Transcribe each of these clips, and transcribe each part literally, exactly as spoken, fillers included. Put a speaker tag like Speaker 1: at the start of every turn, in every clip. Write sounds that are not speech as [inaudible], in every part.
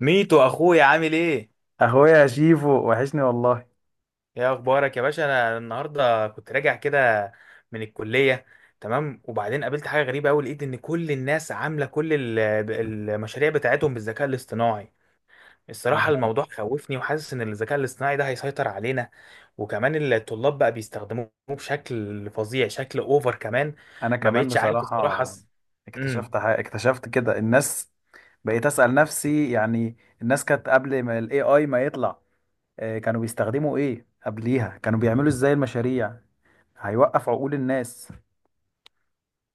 Speaker 1: ميتو اخويا، عامل ايه؟
Speaker 2: اخويا يا شيفو وحشني والله.
Speaker 1: ايه اخبارك يا باشا؟ انا النهارده كنت راجع كده من الكليه. تمام، وبعدين قابلت حاجه غريبه قوي. لقيت ان كل الناس عامله كل ال- المشاريع بتاعتهم بالذكاء الاصطناعي. الصراحه
Speaker 2: آه.
Speaker 1: الموضوع خوفني، وحاسس ان الذكاء الاصطناعي ده هيسيطر علينا. وكمان الطلاب بقى بيستخدموه بشكل فظيع، شكل اوفر كمان.
Speaker 2: انا
Speaker 1: ما
Speaker 2: كمان
Speaker 1: بقتش عارف
Speaker 2: بصراحة،
Speaker 1: الصراحه. امم.
Speaker 2: اكتشفت حاجة اكتشفت كده الناس، بقيت اسأل نفسي، يعني الناس كانت قبل ما الاي اي ما يطلع، آه، كانوا بيستخدموا ايه قبليها؟ كانوا بيعملوا ازاي المشاريع؟ هيوقف عقول الناس.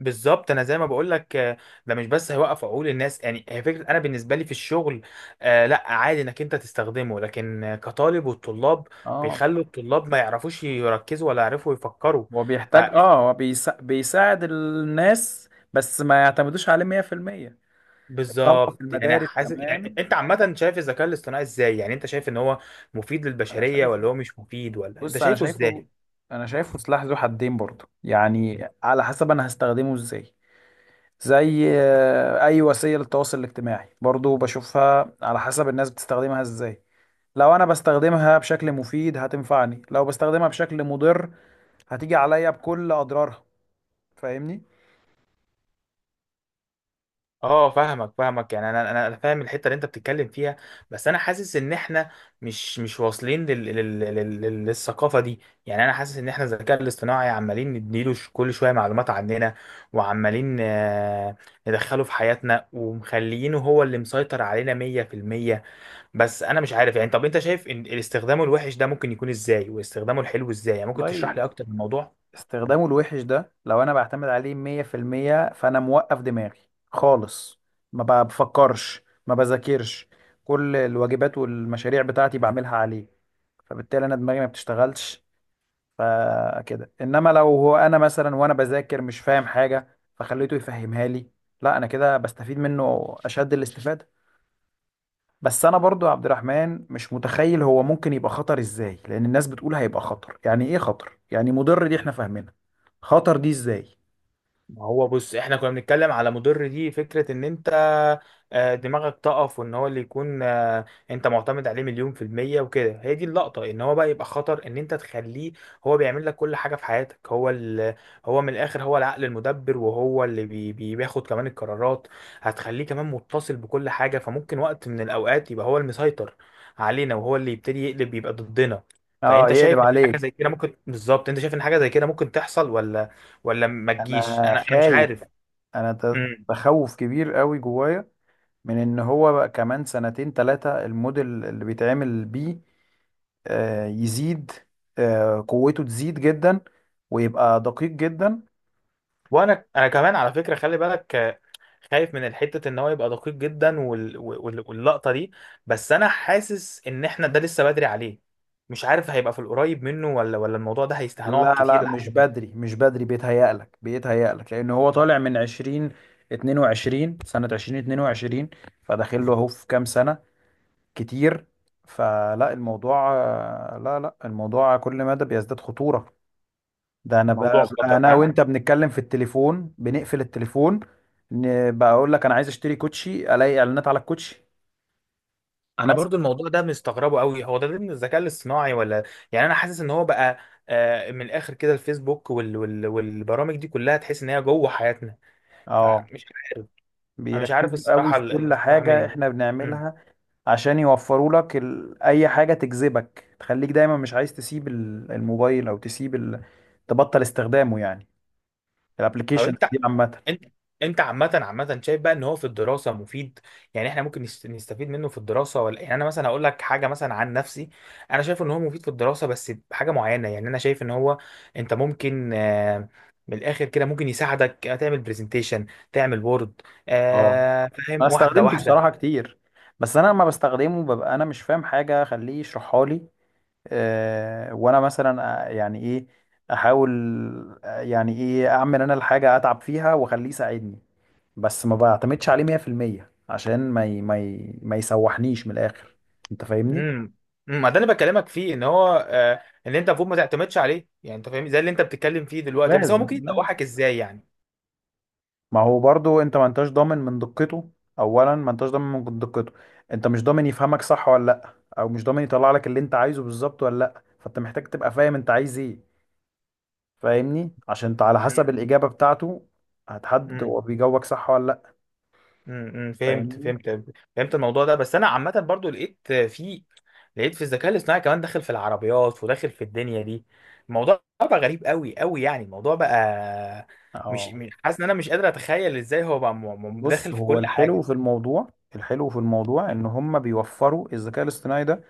Speaker 1: بالظبط، انا زي ما بقول لك. آه، ده مش بس هيوقف عقول الناس، يعني هي فكره. انا بالنسبه لي في الشغل آه، لا، عادي انك انت تستخدمه، لكن آه، كطالب والطلاب
Speaker 2: اه،
Speaker 1: بيخلوا الطلاب ما يعرفوش يركزوا ولا يعرفوا يفكروا.
Speaker 2: هو
Speaker 1: ف
Speaker 2: بيحتاج. اه هو بيسا... بيساعد الناس بس ما يعتمدوش عليه مية في المية. الطلبة في
Speaker 1: بالظبط. يعني
Speaker 2: المدارس
Speaker 1: حاسس، يعني
Speaker 2: كمان.
Speaker 1: انت عامه شايف الذكاء الاصطناعي ازاي؟ يعني انت شايف ان هو مفيد
Speaker 2: انا
Speaker 1: للبشريه،
Speaker 2: شايفه
Speaker 1: ولا هو مش مفيد، ولا انت
Speaker 2: بص انا
Speaker 1: شايفه
Speaker 2: شايفه
Speaker 1: ازاي؟
Speaker 2: انا شايفه سلاح ذو حدين برضه، يعني على حسب انا هستخدمه ازاي. زي آه، اي وسيله للتواصل الاجتماعي برضه، بشوفها على حسب الناس بتستخدمها ازاي. لو انا بستخدمها بشكل مفيد هتنفعني، لو بستخدمها بشكل مضر هتيجي عليا بكل اضرارها. فاهمني؟
Speaker 1: اه، فاهمك فاهمك. يعني انا انا أنا فاهم الحته اللي انت بتتكلم فيها، بس انا حاسس ان احنا مش مش واصلين لل... لل... لل... لل- للثقافه دي. يعني انا حاسس ان احنا الذكاء الاصطناعي عمالين نديله ش- كل شويه معلومات عننا، وعمالين آه، ندخله في حياتنا، ومخليينه هو اللي مسيطر علينا مية في المية. بس انا مش عارف يعني. طب انت شايف ان استخدامه الوحش ده ممكن يكون ازاي، واستخدامه الحلو ازاي؟ يعني ممكن تشرح
Speaker 2: والله،
Speaker 1: لي اكتر الموضوع.
Speaker 2: استخدامه الوحش ده لو انا بعتمد عليه مية في المية فانا موقف دماغي خالص، ما بفكرش ما بذاكرش، كل الواجبات والمشاريع بتاعتي بعملها عليه، فبالتالي انا دماغي ما بتشتغلش. فكده. انما لو هو، انا مثلا وانا بذاكر مش فاهم حاجة فخليته يفهمها لي، لا انا كده بستفيد منه اشد الاستفادة. بس انا برضو يا عبد الرحمن مش متخيل هو ممكن يبقى خطر ازاي، لان الناس بتقول هيبقى خطر، يعني ايه خطر؟ يعني مضر دي احنا فاهمينها، خطر دي ازاي؟
Speaker 1: ما هو بص، احنا كنا بنتكلم على مضر. دي فكرة ان انت آه، دماغك تقف، وان هو اللي يكون آه، انت معتمد عليه مليون في المية وكده. هي دي اللقطة. ان هو بقى يبقى خطر ان انت تخليه هو بيعمل لك كل حاجة في حياتك. هو ال... هو من الاخر هو العقل المدبر، وهو اللي بي... بي- بياخد كمان القرارات. هتخليه كمان متصل بكل حاجة، فممكن وقت من الاوقات يبقى هو المسيطر علينا، وهو اللي يبتدي يقلب يبقى ضدنا.
Speaker 2: اه،
Speaker 1: فانت
Speaker 2: يقلب
Speaker 1: شايف ان حاجة
Speaker 2: عليك.
Speaker 1: زي كده ممكن؟ بالظبط، انت شايف ان حاجة زي كده ممكن تحصل ولا ولا ما تجيش؟
Speaker 2: انا
Speaker 1: انا انا مش
Speaker 2: خايف،
Speaker 1: عارف.
Speaker 2: انا ت-
Speaker 1: امم.
Speaker 2: تخوف كبير قوي جوايا من ان هو بقى كمان سنتين ثلاثة الموديل اللي بيتعمل بيه آه يزيد، آه قوته تزيد جدا، ويبقى دقيق جدا.
Speaker 1: وانا انا كمان على فكره، خلي بالك، آه، خايف من الحته ان هو يبقى دقيق جدا، وال... وال... واللقطه دي. بس انا حاسس ان احنا ده لسه بدري عليه. مش عارف هيبقى في القريب منه، ولا ولا الموضوع ده هيست هنقعد
Speaker 2: لا لا،
Speaker 1: كتير
Speaker 2: مش
Speaker 1: لحد ما
Speaker 2: بدري مش بدري، بيتهيألك بيتهيألك، لأن هو طالع من عشرين 22 سنة، ألفين واتنين وعشرين، فداخل له أهو في كام سنة. كتير. فلا الموضوع، لا لا، الموضوع كل مدى بيزداد خطورة. ده أنا
Speaker 1: الموضوع
Speaker 2: بقى بقى،
Speaker 1: خطر.
Speaker 2: أنا
Speaker 1: ها،
Speaker 2: وأنت بنتكلم في التليفون، بنقفل التليفون، ن- بقى أقول لك أنا عايز أشتري كوتشي، ألاقي إعلانات على الكوتشي،
Speaker 1: انا
Speaker 2: مثلا.
Speaker 1: برضو الموضوع ده مستغربه قوي. هو ده ضمن الذكاء الاصطناعي ولا؟ يعني انا حاسس ان هو بقى آه، من الاخر كده الفيسبوك وال... وال... والبرامج دي كلها تحس ان هي جوه حياتنا.
Speaker 2: أه.
Speaker 1: فمش عارف. انا مش عارف
Speaker 2: بيركزوا قوي
Speaker 1: الصراحه
Speaker 2: في
Speaker 1: ال-
Speaker 2: كل
Speaker 1: الاصطلاح
Speaker 2: حاجة
Speaker 1: منين.
Speaker 2: إحنا
Speaker 1: مم.
Speaker 2: بنعملها، عشان يوفروا لك ال... اي حاجه تجذبك، تخليك دايما مش عايز تسيب ال- الموبايل او تسيب ال... تبطل استخدامه يعني،
Speaker 1: طب
Speaker 2: الابلكيشن
Speaker 1: انت،
Speaker 2: دي عامه.
Speaker 1: انت انت عامه عامه شايف بقى ان هو في الدراسه مفيد؟ يعني احنا ممكن نست- نستفيد منه في الدراسه ولا؟ يعني انا مثلا هقول لك حاجه مثلا عن نفسي. انا شايف ان هو مفيد في الدراسه، بس بحاجه معينه. يعني انا شايف ان هو، انت ممكن، آه، من الاخر كده ممكن يساعدك آه، تعمل برزنتيشن، تعمل وورد.
Speaker 2: اه،
Speaker 1: فاهم؟
Speaker 2: انا
Speaker 1: واحده
Speaker 2: استخدمته
Speaker 1: واحده.
Speaker 2: بصراحه كتير، بس انا لما بستخدمه ببقى انا مش فاهم حاجه خليه يشرحها لي. أه. وانا مثلا آه، يعني ايه، احاول آه، يعني ايه، اعمل انا الحاجه، اتعب فيها واخليه يساعدني، بس ما بعتمدش عليه مية في المية عشان ما ي... ما ي... ما يسوحنيش من الاخر. انت فاهمني؟
Speaker 1: امم. أمم، ما ده اللي بكلمك فيه، ان هو آه ان انت المفروض ما تعتمدش عليه. يعني انت فاهم زي اللي انت بتتكلم فيه دلوقتي، بس هو
Speaker 2: لازم
Speaker 1: ممكن
Speaker 2: لازم.
Speaker 1: يدوحك ازاي يعني؟
Speaker 2: ما هو برضو انت ما انتش ضامن من دقته، اولا ما انتش ضامن من دقته، انت مش ضامن يفهمك صح ولا لا، او مش ضامن يطلع لك اللي انت عايزه بالظبط ولا لا، فانت محتاج تبقى فاهم انت عايز ايه. فاهمني؟ عشان انت على حسب
Speaker 1: امم.
Speaker 2: الاجابة بتاعته هتحدد
Speaker 1: امم.
Speaker 2: هو بيجاوبك صح ولا لا.
Speaker 1: امم. فهمت
Speaker 2: فاهمني؟
Speaker 1: فهمت. فهمت الموضوع ده. بس انا عامه برضو لقيت في لقيت في الذكاء الاصطناعي كمان داخل في العربيات، وداخل في الدنيا دي. الموضوع بقى غريب قوي قوي. يعني الموضوع بقى مش
Speaker 2: اه.
Speaker 1: مش- حاسس ان انا مش قادر اتخيل ازاي هو بقى م- م- داخل
Speaker 2: بص،
Speaker 1: في
Speaker 2: هو
Speaker 1: كل
Speaker 2: الحلو
Speaker 1: حاجه.
Speaker 2: في الموضوع، الحلو في الموضوع، ان هم بيوفروا الذكاء الاصطناعي ده،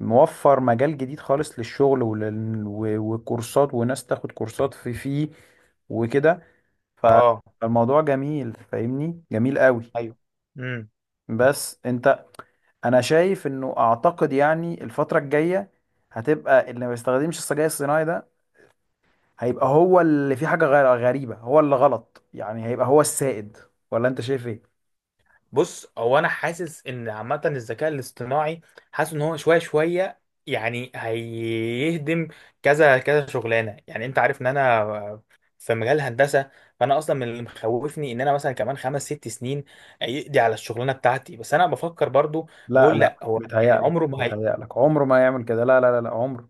Speaker 2: موفر مجال جديد خالص للشغل، ولل... و... وكورسات، وناس تاخد كورسات في فيه، وكده. ف-.
Speaker 1: اه.
Speaker 2: فالموضوع جميل، فاهمني؟ جميل قوي.
Speaker 1: ايوه. امم.
Speaker 2: بس انت، انا شايف انه، اعتقد يعني الفترة الجاية هتبقى اللي ما بيستخدمش السجاير الصناعي ده هيبقى هو اللي فيه حاجة غ- غريبة، هو اللي غلط يعني، هيبقى هو السائد. ولا انت شايف ايه؟
Speaker 1: بص، هو انا حاسس ان عامه الذكاء الاصطناعي، حاسس ان هو شويه شويه يعني هيهدم كذا كذا شغلانه. يعني انت عارف ان انا في مجال الهندسه، فانا اصلا من اللي مخوفني ان انا مثلا كمان خمس ست سنين يقضي على الشغلانه بتاعتي. بس انا بفكر برضو،
Speaker 2: لا
Speaker 1: بقول
Speaker 2: لا،
Speaker 1: لا هو يعني
Speaker 2: بيتهيألك
Speaker 1: عمره ما هي،
Speaker 2: بيتهيألك، عمره ما يعمل كده، لا لا لا لا، عمره،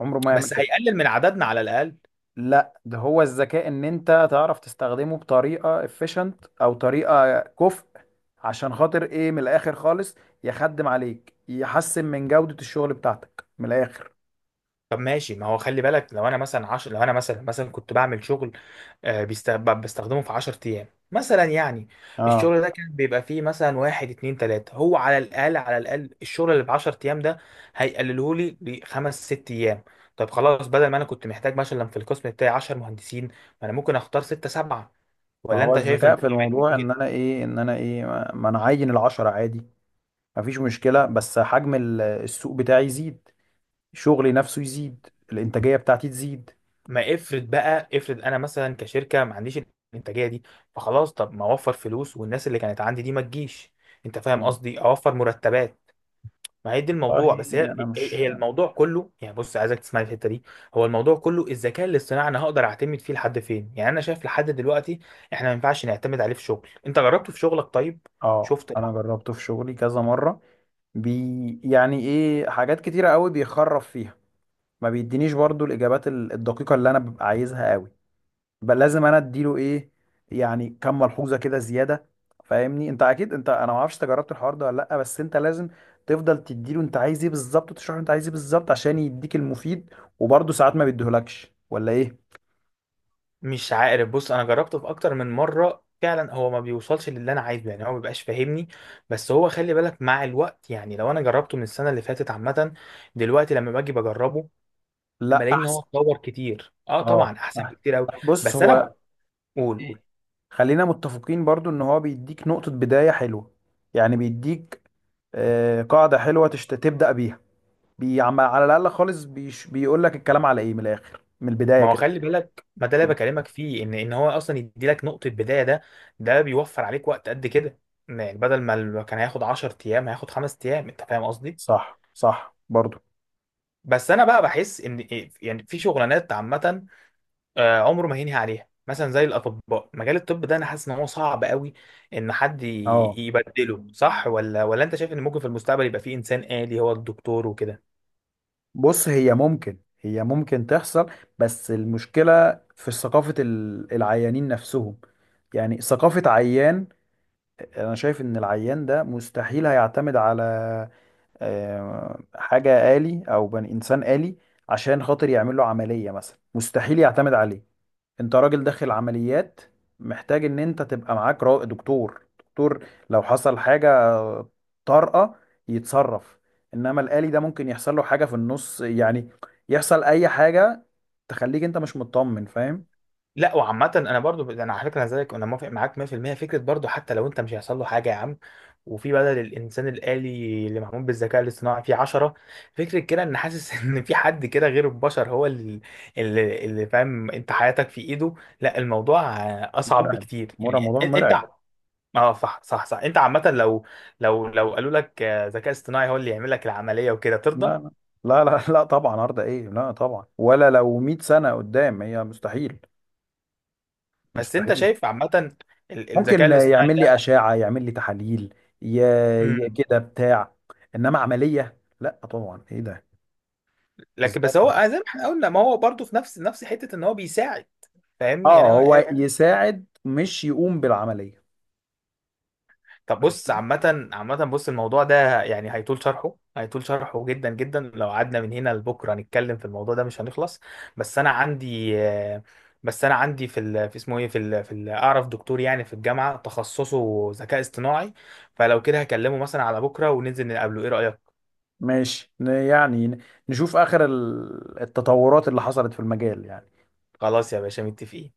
Speaker 2: عمره ما يعمل
Speaker 1: بس
Speaker 2: كده.
Speaker 1: هيقلل من عددنا على الاقل.
Speaker 2: لا، ده هو الذكاء، ان انت تعرف تستخدمه بطريقه efficient، او طريقه كفء، عشان خاطر ايه، من الاخر خالص، يخدم عليك، يحسن من جوده الشغل بتاعتك من الاخر.
Speaker 1: طب ماشي، ما هو خلي بالك، لو انا مثلا عشر لو انا مثلا مثلا كنت بعمل شغل آه، بيست- ب- بستخدمه في 10 ايام مثلا يعني،
Speaker 2: اه.
Speaker 1: الشغل ده كان بيبقى فيه مثلا واحد اتنين تلاتة. هو على الاقل على الاقل الشغل اللي ب 10 ايام ده هيقلله لي لخمس ست ايام. طب خلاص، بدل ما انا كنت محتاج مثلا في القسم بتاعي 10 مهندسين، ما انا ممكن اختار ستة سبعة.
Speaker 2: ما
Speaker 1: ولا
Speaker 2: هو
Speaker 1: انت شايف
Speaker 2: الذكاء في
Speaker 1: الموضوع؟
Speaker 2: الموضوع، ان انا ايه، ان انا ايه، ما ما انا عين العشرة عادي، مفيش مشكله، بس حجم ال- السوق بتاعي يزيد، شغلي نفسه يزيد، الانتاجيه بتاعتي تزيد.
Speaker 1: ما افرض بقى افرض انا مثلا كشركه ما عنديش الانتاجيه دي، فخلاص طب ما اوفر فلوس، والناس اللي كانت عندي دي ما تجيش. انت فاهم
Speaker 2: مم.
Speaker 1: قصدي، اوفر مرتبات. ما هي دي الموضوع. بس هي
Speaker 2: والله، انا
Speaker 1: هي
Speaker 2: مش.
Speaker 1: هي الموضوع كله. يعني بص، عايزك تسمعني الحته دي. هو الموضوع كله الذكاء الاصطناعي انا هقدر اعتمد فيه لحد فين؟ يعني انا شايف لحد دلوقتي احنا ما ينفعش نعتمد عليه في شغل. انت جربته في شغلك طيب؟
Speaker 2: اه،
Speaker 1: شفت؟
Speaker 2: انا جربته في شغلي كذا مره. بي، يعني ايه، حاجات كتيرة قوي بيخرف فيها، ما بيدينيش برضو الإجابات ال- الدقيقة اللي أنا ببقى عايزها قوي، بل لازم أنا أديله إيه، يعني كم ملحوظة كده زيادة. فاهمني؟ أنت أكيد. أنت، أنا ما أعرفش أنت جربت الحوار ده ولا لأ، بس أنت لازم تفضل تديله أنت عايز إيه بالظبط، وتشرح له أنت عايز إيه بالظبط عشان يديك المفيد، وبرضه ساعات ما بيديهولكش ولا إيه؟
Speaker 1: مش عارف. بص، انا جربته في اكتر من مره فعلا، هو ما بيوصلش للي انا عايزه، يعني هو ما بيبقاش فاهمني. بس هو خلي بالك مع الوقت، يعني لو انا جربته من السنه اللي فاتت، عامه دلوقتي لما باجي بجربه
Speaker 2: لأ،
Speaker 1: بلاقي ان هو
Speaker 2: أحسن.
Speaker 1: اتطور كتير. اه
Speaker 2: أه،
Speaker 1: طبعا، احسن بكتير قوي.
Speaker 2: أحسن. بص
Speaker 1: بس انا،
Speaker 2: هو،
Speaker 1: قول قول.
Speaker 2: إيه، خلينا متفقين برضو ان هو بيديك نقطة بداية حلوة، يعني بيديك آه، قاعدة حلوة تشت... تبدأ بيها، بي... عم- على الأقل خالص، بيش... بيقول لك الكلام على إيه من الآخر من البداية
Speaker 1: ما هو
Speaker 2: كده.
Speaker 1: خلي بالك، ما ده اللي بكلمك فيه، ان ان هو اصلا يدي لك نقطه بدايه. ده ده بيوفر عليك وقت قد كده. يعني بدل ما ال- كان هياخد 10 ايام، هياخد 5 ايام. انت فاهم قصدي؟
Speaker 2: صح صح برضو.
Speaker 1: بس انا بقى بحس ان إيه، يعني في شغلانات عامه آه، عمره ما هينهي عليها، مثلا زي الاطباء. مجال الطب ده انا حاسس ان هو صعب قوي ان حد ي-
Speaker 2: اه.
Speaker 1: يبدله، صح؟ ولا ولا انت شايف ان ممكن في المستقبل يبقى في انسان آلي هو الدكتور وكده؟
Speaker 2: بص، هي ممكن، هي ممكن تحصل، بس المشكلة في ثقافة ال- العيانين نفسهم، يعني ثقافة عيان. أنا شايف إن العيان ده مستحيل هيعتمد على آه، حاجة آلي أو بني إنسان آلي عشان خاطر يعمل له عملية مثلا، مستحيل يعتمد عليه. انت راجل داخل عمليات، محتاج ان انت تبقى معاك را- دكتور، دكتور لو حصل حاجة طارئة يتصرف، انما الآلي ده ممكن يحصل له حاجة في النص يعني، يحصل اي حاجة تخليك انت مش مطمن، فاهم؟
Speaker 1: لا وعامة، انا برضو ب- انا على فكرة، أنا زيك، انا موافق معاك مية في المية. فكرة برضو حتى لو انت مش هيحصل له حاجة يا عم، وفي بدل الانسان الآلي اللي معمول بالذكاء الاصطناعي في عشرة، فكرة كده ان حاسس [laughs] ان في حد كده غير البشر هو اللي اللي اللي فاهم انت حياتك في ايده. لا، الموضوع آه، اصعب
Speaker 2: مرعب،
Speaker 1: بكتير. يعني
Speaker 2: مرعب، موضوع
Speaker 1: إن- انت،
Speaker 2: مرعب.
Speaker 1: اه صح صح صح. انت عامة لو لو لو قالوا لك آه، ذكاء اصطناعي هو اللي يعمل لك العملية وكده، ترضى؟
Speaker 2: لا لا لا لا، لا طبعا، عرض ايه، لا طبعا، ولا لو 100 سنة قدام، هي مستحيل،
Speaker 1: بس انت
Speaker 2: مستحيل.
Speaker 1: شايف عامة ال- الذكاء
Speaker 2: ممكن
Speaker 1: الاصطناعي
Speaker 2: يعمل
Speaker 1: ده؟
Speaker 2: لي أشعة، يعمل لي تحاليل، ي..., ي-
Speaker 1: مم.
Speaker 2: كده بتاع، انما عملية لا طبعا، ايه ده؟
Speaker 1: لكن
Speaker 2: ازاي؟
Speaker 1: بس هو آه، زي ما احنا قلنا، ما هو برضه في نفس نفس حتة ان هو بيساعد. فاهمني يعني،
Speaker 2: اه،
Speaker 1: هو
Speaker 2: هو يساعد مش يقوم بالعملية.
Speaker 1: طب بص، عامة عامة بص، الموضوع ده يعني هيطول شرحه، هيطول شرحه جدا جدا. لو قعدنا من هنا لبكرة نتكلم في الموضوع ده مش هنخلص. بس أنا عندي آه، بس أنا عندي في ال... في اسمه إيه في ال... في ال... أعرف دكتور يعني في الجامعة تخصصه ذكاء اصطناعي. فلو كده هكلمه مثلا على بكرة وننزل نقابله، إيه رأيك؟
Speaker 2: ماشي، ن- يعني ن- نشوف آخر ال- التطورات اللي حصلت في المجال يعني.
Speaker 1: خلاص يا باشا، متفقين.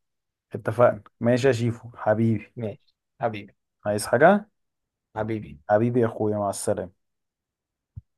Speaker 2: اتفقنا، ماشي يا شيفو حبيبي.
Speaker 1: ماشي حبيبي،
Speaker 2: عايز حاجة؟
Speaker 1: حبيبي.
Speaker 2: حبيبي، يا اخويا، مع السلامة.